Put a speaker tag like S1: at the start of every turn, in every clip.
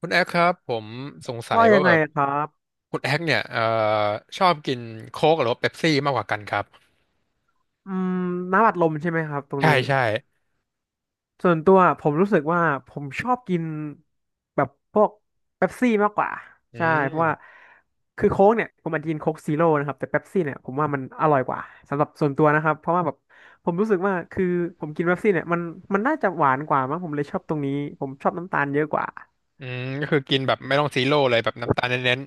S1: คุณแอคครับผมสงสัย
S2: ว่ายั
S1: ว่า
S2: ง
S1: แบ
S2: ไง
S1: บ
S2: ครับ
S1: คุณแอคเนี่ยชอบกินโค้กหรือว่าเป๊ปซี่มากกว่ากันครับ
S2: อืมน้ำอัดลมใช่ไหมครับตรง
S1: ใช่
S2: นี้
S1: ใช่
S2: ส่วนตัวผมรู้สึกว่าผมชอบกินแบบพวกเป๊ปซี่มากกว่า
S1: อื
S2: ใช่เพราะว่า
S1: ม
S2: คือโค้กเนี่ยผมอาจจะกินโค้กซีโร่นะครับแต่เป๊ปซี่เนี่ยผมว่ามันอร่อยกว่าสำหรับส่วนตัวนะครับ เพราะว่าแบบผมรู้สึกว่าคือผมกินเป๊ปซี่เนี่ยมันน่าจะหวานกว่ามั้งผมเลยชอบตรงนี้ ผมชอบน้ำตาลเยอะกว่า
S1: อืมก็คือกินแบบไม่ต้องซีโร่เลยแบบน้ำตาลเน้น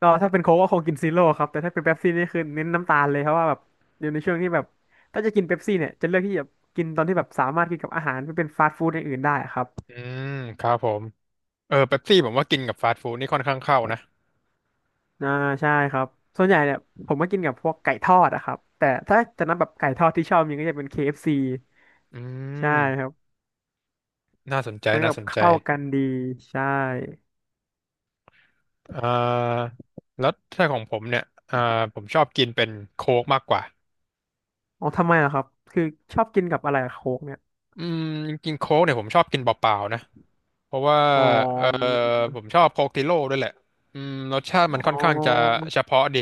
S2: ก็ถ้าเป็นโค้กก็คงกินซีโร่ครับแต่ถ้าเป็นเป๊ปซี่นี่คือเน้นน้ำตาลเลยเพราะว่าแบบอยู่ในช่วงที่แบบถ้าจะกินเป๊ปซี่เนี่ยจะเลือกที่จะกินตอนที่แบบสามารถกินกับอาหารที่เป็นฟาสต์ฟู้ดอย่างอื่นได้ครับ
S1: ๆอืมครับผมเออเป๊ปซี่ผมว่ากินกับฟาสต์ฟู้ดนี่ค่อนข้างเข้านะ
S2: อ่าใช่ครับส่วนใหญ่เนี่ยผมก็กินกับพวกไก่ทอดอะครับแต่ถ้าจะนับแบบไก่ทอดที่ชอบมีก็จะเป็น KFC
S1: อื
S2: ใช่ครั
S1: ม
S2: บ
S1: น่าสนใจ
S2: มันก็
S1: น่า
S2: แบบ
S1: สนใจ
S2: เข้ากันดีใช่
S1: เอ่อแล้วถ้าของผมเนี่ยผมชอบกินเป็นโค้กมากกว่า
S2: อ๋อทำไมล่ะครับคือชอบกินกับอะไรอะโค้กเนี่ย
S1: อืมจริงๆโค้กเนี่ยผมชอบกินเปล่าๆนะ เพราะว่า
S2: อ๋อ
S1: เออผมชอบโคกติโร่ด้วยแหละอืมรสชาติมัน
S2: อ๋
S1: ค่อนข้างจะ
S2: อ
S1: เฉพาะดิ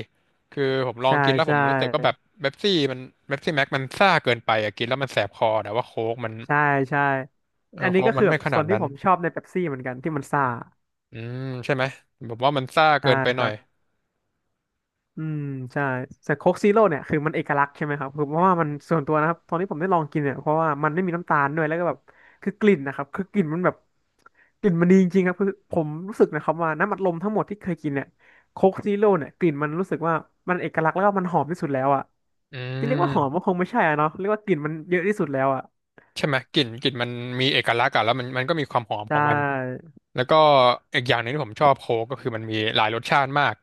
S1: คือผมลอง
S2: ใช่
S1: กินแล้วผ
S2: ใช่
S1: มรู้สึกว่าแบบเป๊ปซี่มันเป๊ปซี่แม็กมันซ่าเกินไปอะกินแล้วมันแสบคอแต่ว่าโค้กมัน
S2: ใช่ใช่
S1: เออ
S2: อันนี้
S1: โค้
S2: ก็
S1: กมั
S2: คือ
S1: น
S2: แบ
S1: ไม่
S2: บ
S1: ข
S2: ส่
S1: นา
S2: ว
S1: ด
S2: นที่
S1: นั้น
S2: ผมชอบในเป๊ปซี่เหมือนกันที่มันซ่า
S1: อืมใช่ไหมผมว่ามันซ่าเกิ
S2: ใช่
S1: นไป
S2: ค
S1: หน่อ
S2: รั
S1: ย
S2: บอืมใช่แต่โค้กซีโร่เนี่ยคือมันเอกลักษณ์ใช่ไหมครับคือเพราะว่ามันส่วนตัวนะครับตอนที่ผมได้ลองกินเนี่ยเพราะว่ามันไม่มีน้ำตาลด้วยแล้วก็แบบคือกลิ่นนะครับคือกลิ่นมันแบบกลิ่นมันดีจริงๆครับคือผมรู้สึกนะครับว่าน้ำอัดลมทั้งหมดที่เคยกินเนี่ยโค้กซีโร่เนี่ยกลิ่นมันรู้สึกว่ามันเอกลักษณ์แล้วก็มันหอมที่สุดแล้วอ่ะ
S1: อื
S2: ที่เรียกว่าหอมก็
S1: ม
S2: คงไม่ใช่อะเนาะเรียกว่ากลิ่นมันเยอะที่สุดแล้วอ่ะ
S1: ใช่ไหมกลิ่นกลิ่นมันมีเอกลักษณ์อะแล้วมันก็มีความหอมข
S2: ใช่
S1: องมันแล้วก็อีกอย่างหนึ่งที่ผมชอบโค้กก็คือมันมีหลายรสชาติมาก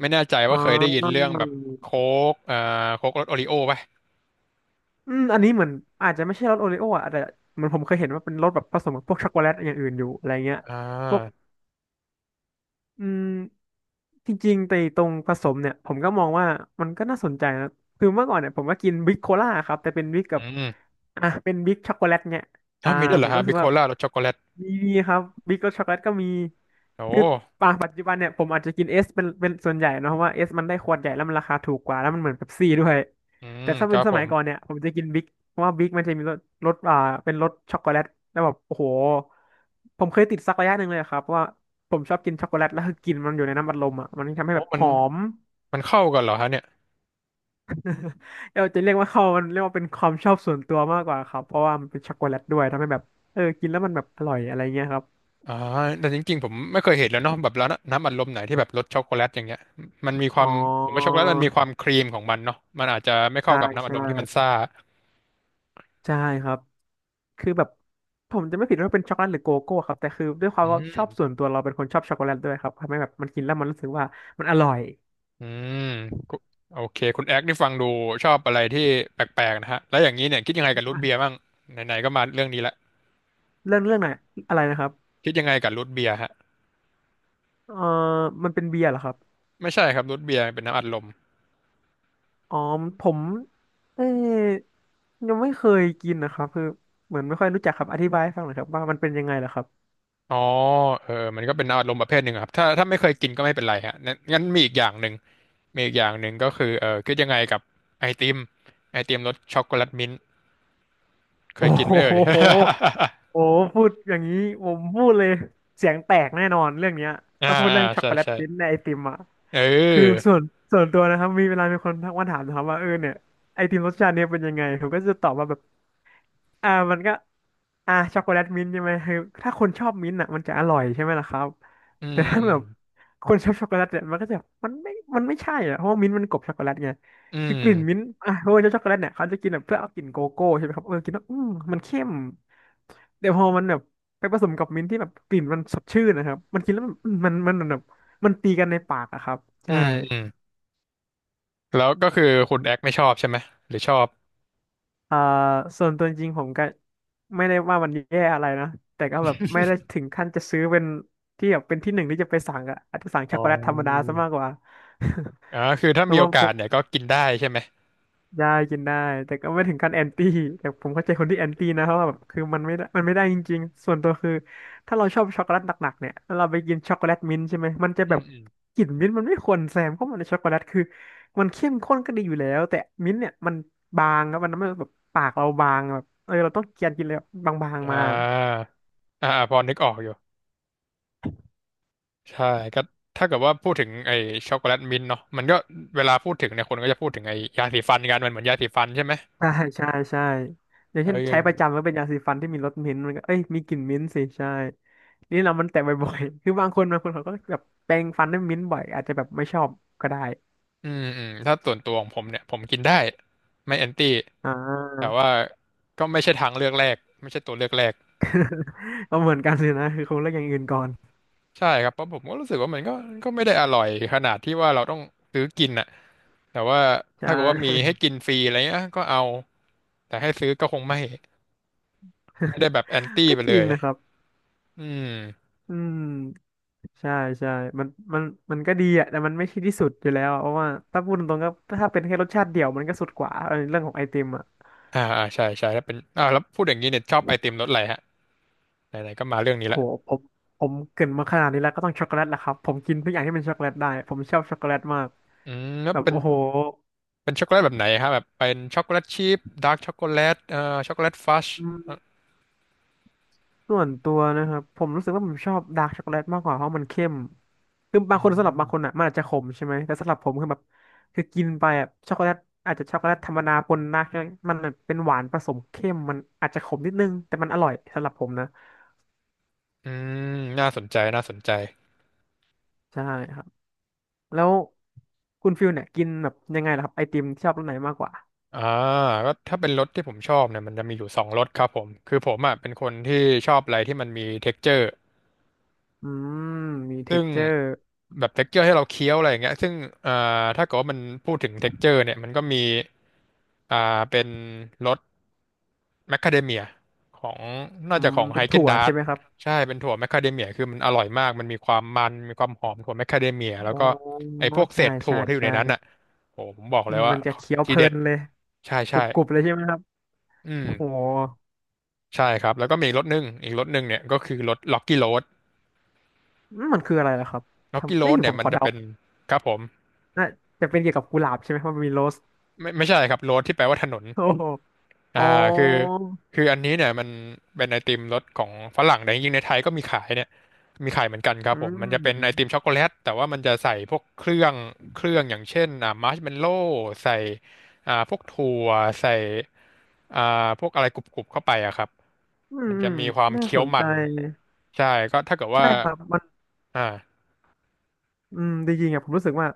S1: ไม่แน่ใจ
S2: อ๋
S1: ว่าเคยได้ยินเรื่
S2: อ
S1: องแบบโค้กโค้กรสโอริโอ้ปะ
S2: อืมอันนี้เหมือนอาจจะไม่ใช่รสโอริโออ่ะแต่เหมือนผมเคยเห็นว่าเป็นรสแบบผสมกับพวกช็อกโกแลตอย่างอื่นอยู่อะไรเงี้ย
S1: อ่า
S2: พวก อืมจริงๆแต่ตรงผสมเนี่ยผมก็มองว่ามันก็น่าสนใจนะคือเมื่อก่อนเนี่ยผมก็กินบิ๊กโคล่าครับแต่เป็นบิ๊กกั
S1: อื
S2: บ
S1: ม
S2: อ่ะเป็นบิ๊กช็อกโกแลตเนี่ย
S1: ถ้า
S2: อ่า
S1: วมีด้วยเห
S2: ผ
S1: ร
S2: ม
S1: อ
S2: ก็
S1: ฮะ
S2: รู้
S1: บิ
S2: สึก
S1: โค
S2: ว่า
S1: ล่ารสช็อกโกแลต
S2: มีดีครับบิ๊กรสช็อกโกแลตก็มี
S1: โอ
S2: คือ
S1: ้
S2: ปาปัจจุบันเนี่ยผมอาจจะกินเอสเป็นส่วนใหญ่เนอะเพราะว่าเอสมันได้ขวดใหญ่แล้วมันราคาถูกกว่าแล้วมันเหมือนเป๊ปซี่ด้วย
S1: อืม
S2: แต่ถ้า
S1: ค
S2: เป็
S1: รั
S2: น
S1: บ
S2: ส
S1: ผ
S2: มัยก่อน
S1: ม
S2: เนี่ยผมจะกินบิ๊กเพราะว่าบิ๊กมันจะมีรสรสอ่าเป็นรสช็อกโกแลตแล้วแบบโอ้โหผมเคยติดสักระยะหนึ่งเลยครับว่า ผมชอบกินช็อกโกแลตแล้วคือกลินมันอยู่ในน้ำอัดลมอ่ะมันทำให้
S1: โอ้
S2: แบบ
S1: มั
S2: ห
S1: น
S2: อม
S1: มันเข้ากันเหรอฮะเนี่ย
S2: เราจะเรียกว่าเขามันเรียกว่าเป็นความชอบส่วนตัวมากกว่าครับเพราะว่ามันเป็นช็อกโกแลตด้วยทำให้แบบเออกินแล้วมันแบบอร่อยอะไรเงี้ยครับ
S1: อ่าแต่จริงๆผมไม่เคยเห็นแล้วเนาะแบบร้านน้ำอัดลมไหนที่แบบรสช็อกโกแลตอย่างเงี้ยมันมีค
S2: อ๋
S1: วา
S2: อ
S1: มผมว่าช็อกโกแลตมันมีความครีมของมันเนาะมันอาจจะไม่เข้า
S2: ใช่
S1: กับน้ำอัด
S2: ใช่
S1: ลมที่มันซ่า
S2: ใช่ครับคือแบบผมจะไม่ผิดว่าเป็นช็อกโกแลตหรือโกโก้ครับแต่คือด้วยความ
S1: อื
S2: ว่าชอบส่ว
S1: ม
S2: นตัวเราเป็นคนชอบช็อกโกแลตด้วยครับทำให้แบบมันกินแล้วมันรู้สึกว่ามันอร่อย
S1: อืมกุโอเคคุณแอ๊กนี่ฟังดูชอบอะไรที่แปลกๆนะฮะแล้วอย่างนี้เนี่ยคิดยังไงกับรูทเบียร์บ้างไหนๆก็มาเรื่องนี้ละ
S2: เรื่องไหนอะไรนะครับ
S1: คิดยังไงกับรูทเบียร์ฮะ
S2: เออมันเป็นเบียร์เหรอครับ
S1: ไม่ใช่ครับรูทเบียร์เป็นน้ำอัดลม
S2: อ๋อผมเอ้ยยังไม่เคยกินนะครับคือเหมือนไม่ค่อยรู้จักครับอธิบายให้ฟังหน่อยครับว่ามันเป็นยังไงเหรอครับ
S1: อ๋อเออมันก็เป็นอารมณ์ประเภทหนึ่งอะครับถ้าไม่เคยกินก็ไม่เป็นไรฮะงั้นงั้นมีอีกอย่างหนึ่งมีอีกอย่างหนึ่งก็คือเออคิดยังไงกับไอติมไอติมรสช็อกโกแลตมิ้นท์เค
S2: โอ้
S1: ยกินไหมเอ่ย
S2: โหโอ้โหพูดอย่างนี้ผมพูดเลยเสียงแตกแน่นอนเรื่องเนี้ย
S1: อ่า
S2: ถ้าพูด
S1: อ่า
S2: เรื่องช็อก
S1: ใช่
S2: โกแลต
S1: ใช่
S2: ชิ้นในไอติมอ่ะ
S1: เ
S2: คือ
S1: ออ
S2: ส่วนตัวนะครับมีเวลามีคนทักมาถามนะครับว่าเออเนี่ยไอติมรสชาติเนี่ยเป็นยังไงผมก็จะตอบว่าแบบอ่ามันก็อ่าช็อกโกแลตมิ้นท์ใช่ไหมคือถ้าคนชอบมิ้นท์อ่ะมันจะอร่อยใช่ไหมล่ะครับ
S1: อื
S2: แต่
S1: ม
S2: ถ้า
S1: อื
S2: แบ
S1: ม
S2: บคนชอบช็อกโกแลตเนี่ยมันก็จะมันไม่มันไม่ใช่อ่ะเพราะว่ามิ้นท์มันกลบช็อกโกแลตไง
S1: อื
S2: คือกลิ่นมิ้น
S1: ม
S2: ท์อ่ะโรยเจ้าช็อกโกแลตเนี่ยเขาจะกินแบบเพื่อเอากลิ่นโกโก้ใช่ไหมครับเออกินแล้วมันเข้มแต่พอมันแบบไปผสมกับมิ้นท์ที่แบบกลิ่นมันสดชื่นนะครับมันกินแล้วมันแบบมันตีกันในปากอะครับ
S1: อื
S2: ใช่
S1: มอืมแล้วก็คือคุณแอกไม่ชอบใช่ไหม หรือชอบ
S2: อ่าส่วนตัวจริงผมก็ไม่ได้ว่ามันแย่อะไรนะแต่ก็แบบไม่ได้ถึงขั้นจะซื้อเป็นที่แบบเป็นที่หนึ่งที่จะไปสั่งอะอาจจะสั่ง
S1: อ๋
S2: ช็อกโกแลตธรรมดา
S1: อ
S2: ซะมากกว่า
S1: อ่าคือถ้า
S2: แล้ว
S1: มีโอ
S2: มา
S1: กาสเนี่ยก็กินได้ใช่ไหม
S2: ได้กินได้แต่ก็ไม่ถึงขั้นแอนตี้แต่ผมเข้าใจคนที่แอนตี้นะเพราะว่าแบบคือมันไม่ได้จริงๆส่วนตัวคือถ้าเราชอบช็อกโกแลตหนักๆเนี่ยแล้วเราไปกินช็อกโกแลตมิ้นท์ใช่ไหมมันจะ
S1: อื
S2: แบ
S1: ม
S2: บ
S1: อืม
S2: กลิ่นมิ้นท์มันไม่ควรแซมเข้ามาในช็อกโกแลตคือมันเข้มข้นก็ดีอยู่แล้วแต่มิ้นท์เนี่ยมันบางครับมันทำให้แบบปากเราบางแบบเออเราต้องเคี้ยนกินเลยบางๆ
S1: อ่
S2: มา
S1: าอ่าพอนึกออกอยู่ ใช่ก็ถ้าเกิดว่าพูดถึงไอ้ช็อกโกแลตมิ้นท์เนาะมันก็เวลาพูดถึงเนี่ยคนก็จะพูดถึงไอ้ยาสีฟันกันมันเหมือนยาสีฟันใช่ไหม
S2: ใช่ใช่ใช่อย่าง
S1: เอ
S2: เช่นใช้ประ
S1: อ
S2: จำก็เป็นยาสีฟันที่มีรสมิ้นท์มันก็เอ้ยมีกลิ่นมิ้นท์สิใช่ นี่เรามันแตะบ่อยๆ คือบางคนเขาก็แบบแปรงฟันด้วยมิ้นท์บ่อย อาจจะแบบไม่ชอบก็ได้
S1: อืมอืมถ้าส่วนตัวของผมเนี่ยผมกินได้ไม่แอนตี้
S2: อ่า
S1: แต่ว่าก็ไม่ใช่ทางเลือกแรกไม่ใช่ตัวเลือกแรก
S2: ก็เหมือนกันเลยนะ คือคงเลือกอย่างอื่นก่อน
S1: ใช่ครับเพราะผมก็รู้สึกว่ามันก็ก็ไม่ได้อร่อยขนาดที่ว่าเราต้องซื้อกินอะแต่ว่าถ้า
S2: ใช่
S1: เกิดว่ามีให้ กินฟรีอะไรเงี้ยก็เอาแต่ให้ซื้อก็คงไม่ไม่ได้แบบแอนตี้
S2: ก็
S1: ไป
S2: จ
S1: เล
S2: ริง
S1: ย
S2: นะครับ
S1: อืม
S2: อืมใช่ใช่มันมันมันก็ดีอะแต่มันไม่ใช่ที่สุดอยู่แล้วอะเพราะว่าถ้าพูดตรงๆก็ถ้าเป็นแค่รสชาติเดียวมันก็สุดกว่าเออเรื่องของไอติมอะ
S1: อ่าอ่าใช่ใช่แล้วเป็นอ่าแล้วพูดอย่างนี้เนี่ยชอบไอติมรสอะไรฮะไหนๆก็มาเรื่องนี้
S2: โห
S1: ละ
S2: ผมผมเกรินมาขนาดนี้แล้วก็ต้องช็อกโกแลตแหละครับผมกินทุกอย่างที่เป็นช็อกโกแลตได้ผมชอบช็อกโกแลตมาก
S1: อืมแล้ว
S2: แบบ
S1: เป็น
S2: โอ้โห
S1: ช็อกโกแลตแบบไหนครับแบบเป็นช็อกโกแลตชีพดาร์กช็อกโกแลตช็อกโกแลตฟัช
S2: ส่วนตัวนะครับผมรู้สึกว่าผมชอบดาร์กช็อกโกแลตมากกว่าเพราะมันเข้มคือบาง
S1: อื
S2: คนสำหรับบา
S1: ม
S2: งคนอ่ะมันอาจจะขมใช่ไหมแต่สำหรับผมคือแบบคือกินไปอ่ะช็อกโกแลตอาจจะช็อกโกแลตธรรมดาปนดาร์กมันเป็นหวานผสมเข้มมันอาจจะขมนิดนึงแต่มันอร่อยสำหรับผมนะ
S1: อืมน่าสนใจน่าสนใจ
S2: ใช่ครับแล้วคุณฟิลเนี่ยกินแบบยังไงล่ะครับไอติมชอบรสไหนมากกว่า
S1: อ่าก็ถ้าเป็นรสที่ผมชอบเนี่ยมันจะมีอยู่สองรสครับผมคือผมอ่ะเป็นคนที่ชอบอะไรที่มันมี texture
S2: อืมมีเท็
S1: ซึ่
S2: ก
S1: ง
S2: เจอร์
S1: แบบเท็กเจอร์ให้เราเคี้ยวอะไรอย่างเงี้ยซึ่งอ่าถ้าเกิดว่ามันพูดถึงเท็กเจอร์เนี่ยมันก็มีอ่าเป็นรส แมคคาเดเมียของน่า
S2: อื
S1: จะ
S2: ม
S1: ของไฮ
S2: เป็น
S1: เกน
S2: ถั่ว
S1: ดาร์
S2: ใช่ไหมครับ
S1: ใช่เป็นถั่วแมคคาเดเมียคือมันอร่อยมากมันมีความหอมถั่วแมคคาเดเมียแล้ว
S2: อ๋อ
S1: ก็ไอ้พวกเศ
S2: ใช่
S1: ษถั่
S2: ใช่
S1: วที่อยู่ใน
S2: ใช่
S1: นั้นอ่ะโอ้ผมบอก
S2: อื
S1: เลย
S2: ม
S1: ว่า
S2: มันจะเคี้ยว
S1: ที
S2: เพลิ
S1: เด็ด
S2: นเลย
S1: ใช่
S2: ก
S1: ใช่
S2: รุบๆเลยใช่ไหมครับ
S1: อืม
S2: โอ้โห
S1: ใช่ครับแล้วก็มีอีกรสหนึ่งอีกรสหนึ่งเนี่ยก็คือรสล็อกกี้โรด
S2: อืมมันคืออะไรล่ะครับ
S1: ล็อกกี้โร
S2: ทำนี่
S1: ดเนี่
S2: ผ
S1: ย
S2: ม
S1: มั
S2: ข
S1: น
S2: อ
S1: จะ
S2: เดา
S1: เป็นครับผม
S2: น่าจะเป็นเกี่ยวกับกุหลาบใช่ไหมเพราะมันมีโรส
S1: ไม่ใช่ครับโรดที่แปลว่าถนน
S2: โอ้โห
S1: อ่า
S2: อ๋อ
S1: คือคืออันนี้เนี่ยมันเป็นไอติมรสของฝรั่งแต่จริงๆในไทยก็มีขายเนี่ยมีขายเหมือนกันครับ
S2: อื
S1: ผมมันจะเป็นไอติม
S2: ม
S1: ช็อกโกแลตแต่ว่ามันจะใส่พวกเครื่องอย่างเช่นอ่ามาร์ชเมลโล่ใส่อ่าพวกถั่วใส่อ่าพวกอะไรกรุบๆเข้าไปอะครับ
S2: อืม
S1: มัน
S2: อื
S1: จะ
S2: ม
S1: มีความ
S2: น่า
S1: เคี้
S2: ส
S1: ยว
S2: นใจ
S1: มันใช่ก็ถ้าเกิดว่า
S2: ใช่ครับ มัน
S1: อ่า
S2: อืมจริงๆอ่ะผมรู้สึกว่า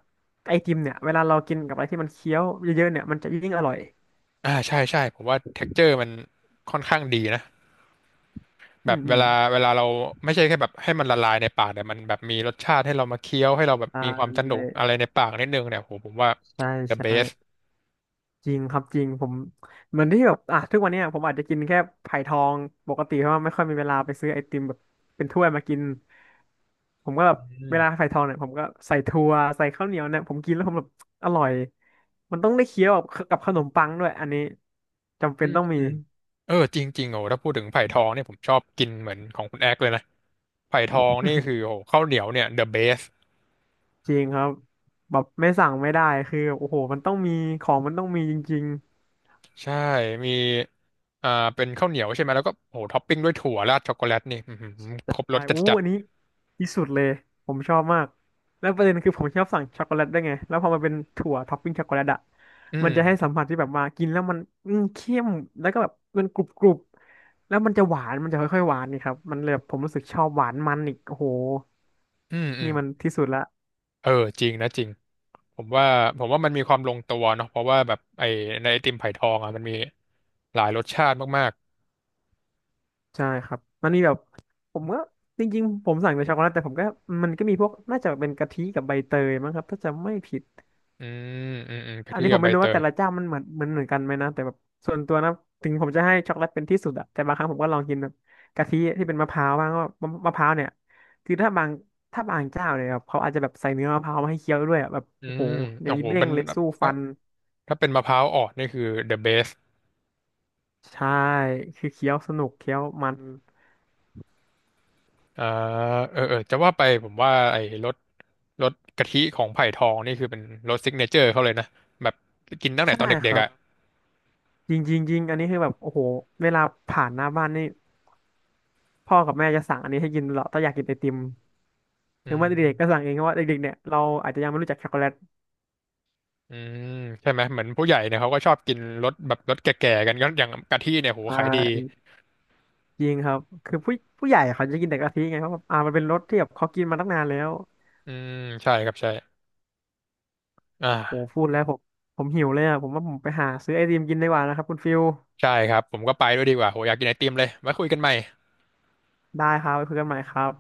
S2: ไอติมเนี่ยเวลาเรากินกับอะไรที่มันเคี้ยวเยอะๆเนี่ยมันจะยิ่งอร่อย
S1: อ่าใช่ใช่ผมว่าเท็กเจอร์มันค่อนข้างดีนะ แบ
S2: อื
S1: บ
S2: ม อืม
S1: เวลาเราไม่ใช่แค่แบบให้มันละลายในปากแต่มันแบบมีรสชาติให้เรามาเคี้ยวให้เราแบบ
S2: อ่
S1: มีความส
S2: า
S1: นุกอะไรในปากนิดนึงเนี่ยโหผมว่า
S2: ใช่
S1: the
S2: ใช่
S1: best
S2: จริงครับจริงผมเหมือนที่แบบอ่ะทุกวันเนี้ยผมอาจจะกินแค่ไผ่ทองปกติเพราะว่าไม่ค่อยมีเวลาไปซื้อไอติมแบบเป็นถ้วยมากินผมก็แบบ
S1: อื
S2: เว
S1: ม
S2: ลาไผ่ทองเนี่ยผมก็ใส่ถั่วใส่ข้าวเหนียวเนี่ยผมกินแล้วผมแบบอร่อยมันต้องได้เคี้ยวกับกับขนมปังด้วยอันนี้จำ
S1: อื
S2: เป็น
S1: ม
S2: ต้องมี
S1: อืมเออจริงๆโอ้ถ้าพูดถึงไผ่ทองเนี่ยผมชอบกินเหมือนของคุณแอ๊กเลยนะไผ่ทองนี่คือโอ้ข้าวเหนียวเนี่ย the best
S2: จริงครับแบบไม่สั่งไม่ได้คือโอ้โหมันต้องมีของมันต้องมีจริง
S1: ใช่มีอ่าเป็นข้าวเหนียวใช่ไหมแล้วก็โหท็อปปิ้งด้วยถั่วราดช็อกโกแลตนี่อื้อหือ
S2: ใช
S1: ครบร
S2: ่
S1: ส
S2: อู้
S1: จัด
S2: อันนี้ที่สุดเลยผมชอบมากแล้วประเด็นคือผมชอบสั่งช็อกโกแลตได้วยไงแล้วพอมันเป็นถั่วท็อปปิ้งช็อกโกแลตอะ
S1: ๆอื
S2: มัน
S1: ม
S2: จะให้สัมผัสที่แบบว่ากินแล้วมันอืมเข้มแล้วก็แบบมันกรุบกรุบแล้วมันจะหวานมันจะค่อยๆหวานนี่ครับมันเลยแบบผมรู้สึกชอบหวานมันอีกโอ้โห
S1: อืมอื
S2: นี่
S1: ม
S2: มันที่สุดละ
S1: เออจริงนะจริง ผมว่าผมว่ามันมีความลงตัวเนาะเพราะว่าแบบไอในไอติมไผ่ทองอ่ะมันมีหลายรสชาติมาก
S2: ใช่ครับมันมีแบบผมก็จริงๆผมสั่งแต่ช็อกโกแลตแต่ผมก็มันก็มีพวกน่าจะเป็นกะทิกับใบเตยมั้งครับถ้าจำไม่ผิด
S1: ๆอืมอืมอืมกะ
S2: อัน
S1: ทิ
S2: นี้ผ
S1: กับ
S2: ม
S1: ใบ
S2: ไม่รู้
S1: เต
S2: ว่าแต่
S1: ย
S2: ละเจ้ามันเหมือนกันไหมนะแต่แบบส่วนตัวนะถึงผมจะให้ช็อกโกแลตเป็นที่สุดอะแต่บางครั้งผมก็ลองกินแบบกะทิที่เป็นมะพร้าวบ้างว่ามะมะพร้าวเนี่ยคือถ้าบางเจ้าเนี่ยแบบเขาอาจจะแบบใส่เนื้อมะพร้าวมาให้เคี้ยวด้วยอะแบบ
S1: อื
S2: โอ้โห
S1: ม
S2: อย่า
S1: โอ้
S2: งนี้
S1: โห
S2: เด้
S1: เป็
S2: ง
S1: น
S2: เลยสู้
S1: ถ้า
S2: ฟัน
S1: ถ้าเป็นมะพร้าวอ่อนนี่คือ the best
S2: ใช่คือเคี้ยวสนุกเคี้ยวมัน
S1: อ่าเออเออจะว่าไปผมว่าไอ้รสกะทิของไผ่ทองนี่คือเป็นรสซิกเนเจอร์เขาเลยนะแบบกินตั้งแต่
S2: ใช่
S1: ตอน
S2: ค
S1: เด็ก
S2: รั
S1: ๆ
S2: บ
S1: อ่ะ
S2: จริงจริงจริงอันนี้คือแบบโอ้โหเวลาผ่านหน้าบ้านนี่พ่อกับแม่จะสั่งอันนี้ให้กินตลอดถ้าอยากกินไอติม
S1: อื
S2: หรือว่าเด็กๆก็
S1: ม
S2: สั่งเองเพราะว่าเด็กๆเนี่ยเราอาจจะยังไม่รู้จักช็อกโกแลต
S1: อืมใช่ไหมเหมือนผู้ใหญ่เนี่ยเขาก็ชอบกินรสแบบรสแก่ๆกันก็อย่างกะทิเนี่ยโหขายดี
S2: จริงครับ คือผู้ใหญ่เขาจะกินแต่กะทิไงเพราะแบบอ่ามันเป็นรสที่แบบเขากินมาตั้งนานแล้ว
S1: อืมใช่ครับใช่
S2: โอ้
S1: อ่า
S2: พูดแล้วผม ผมหิวเลยอ่ะผมว่าผมไปหาซื้อไอติมกินดีกว่านะครับคุณฟิล
S1: ใช่ครับ ผมก็ไปด้วยดีกว่าโหอยากกินไอติมเลยไว้คุยกันใหม่
S2: ได้ครับไปคุยกันใหม่ครับ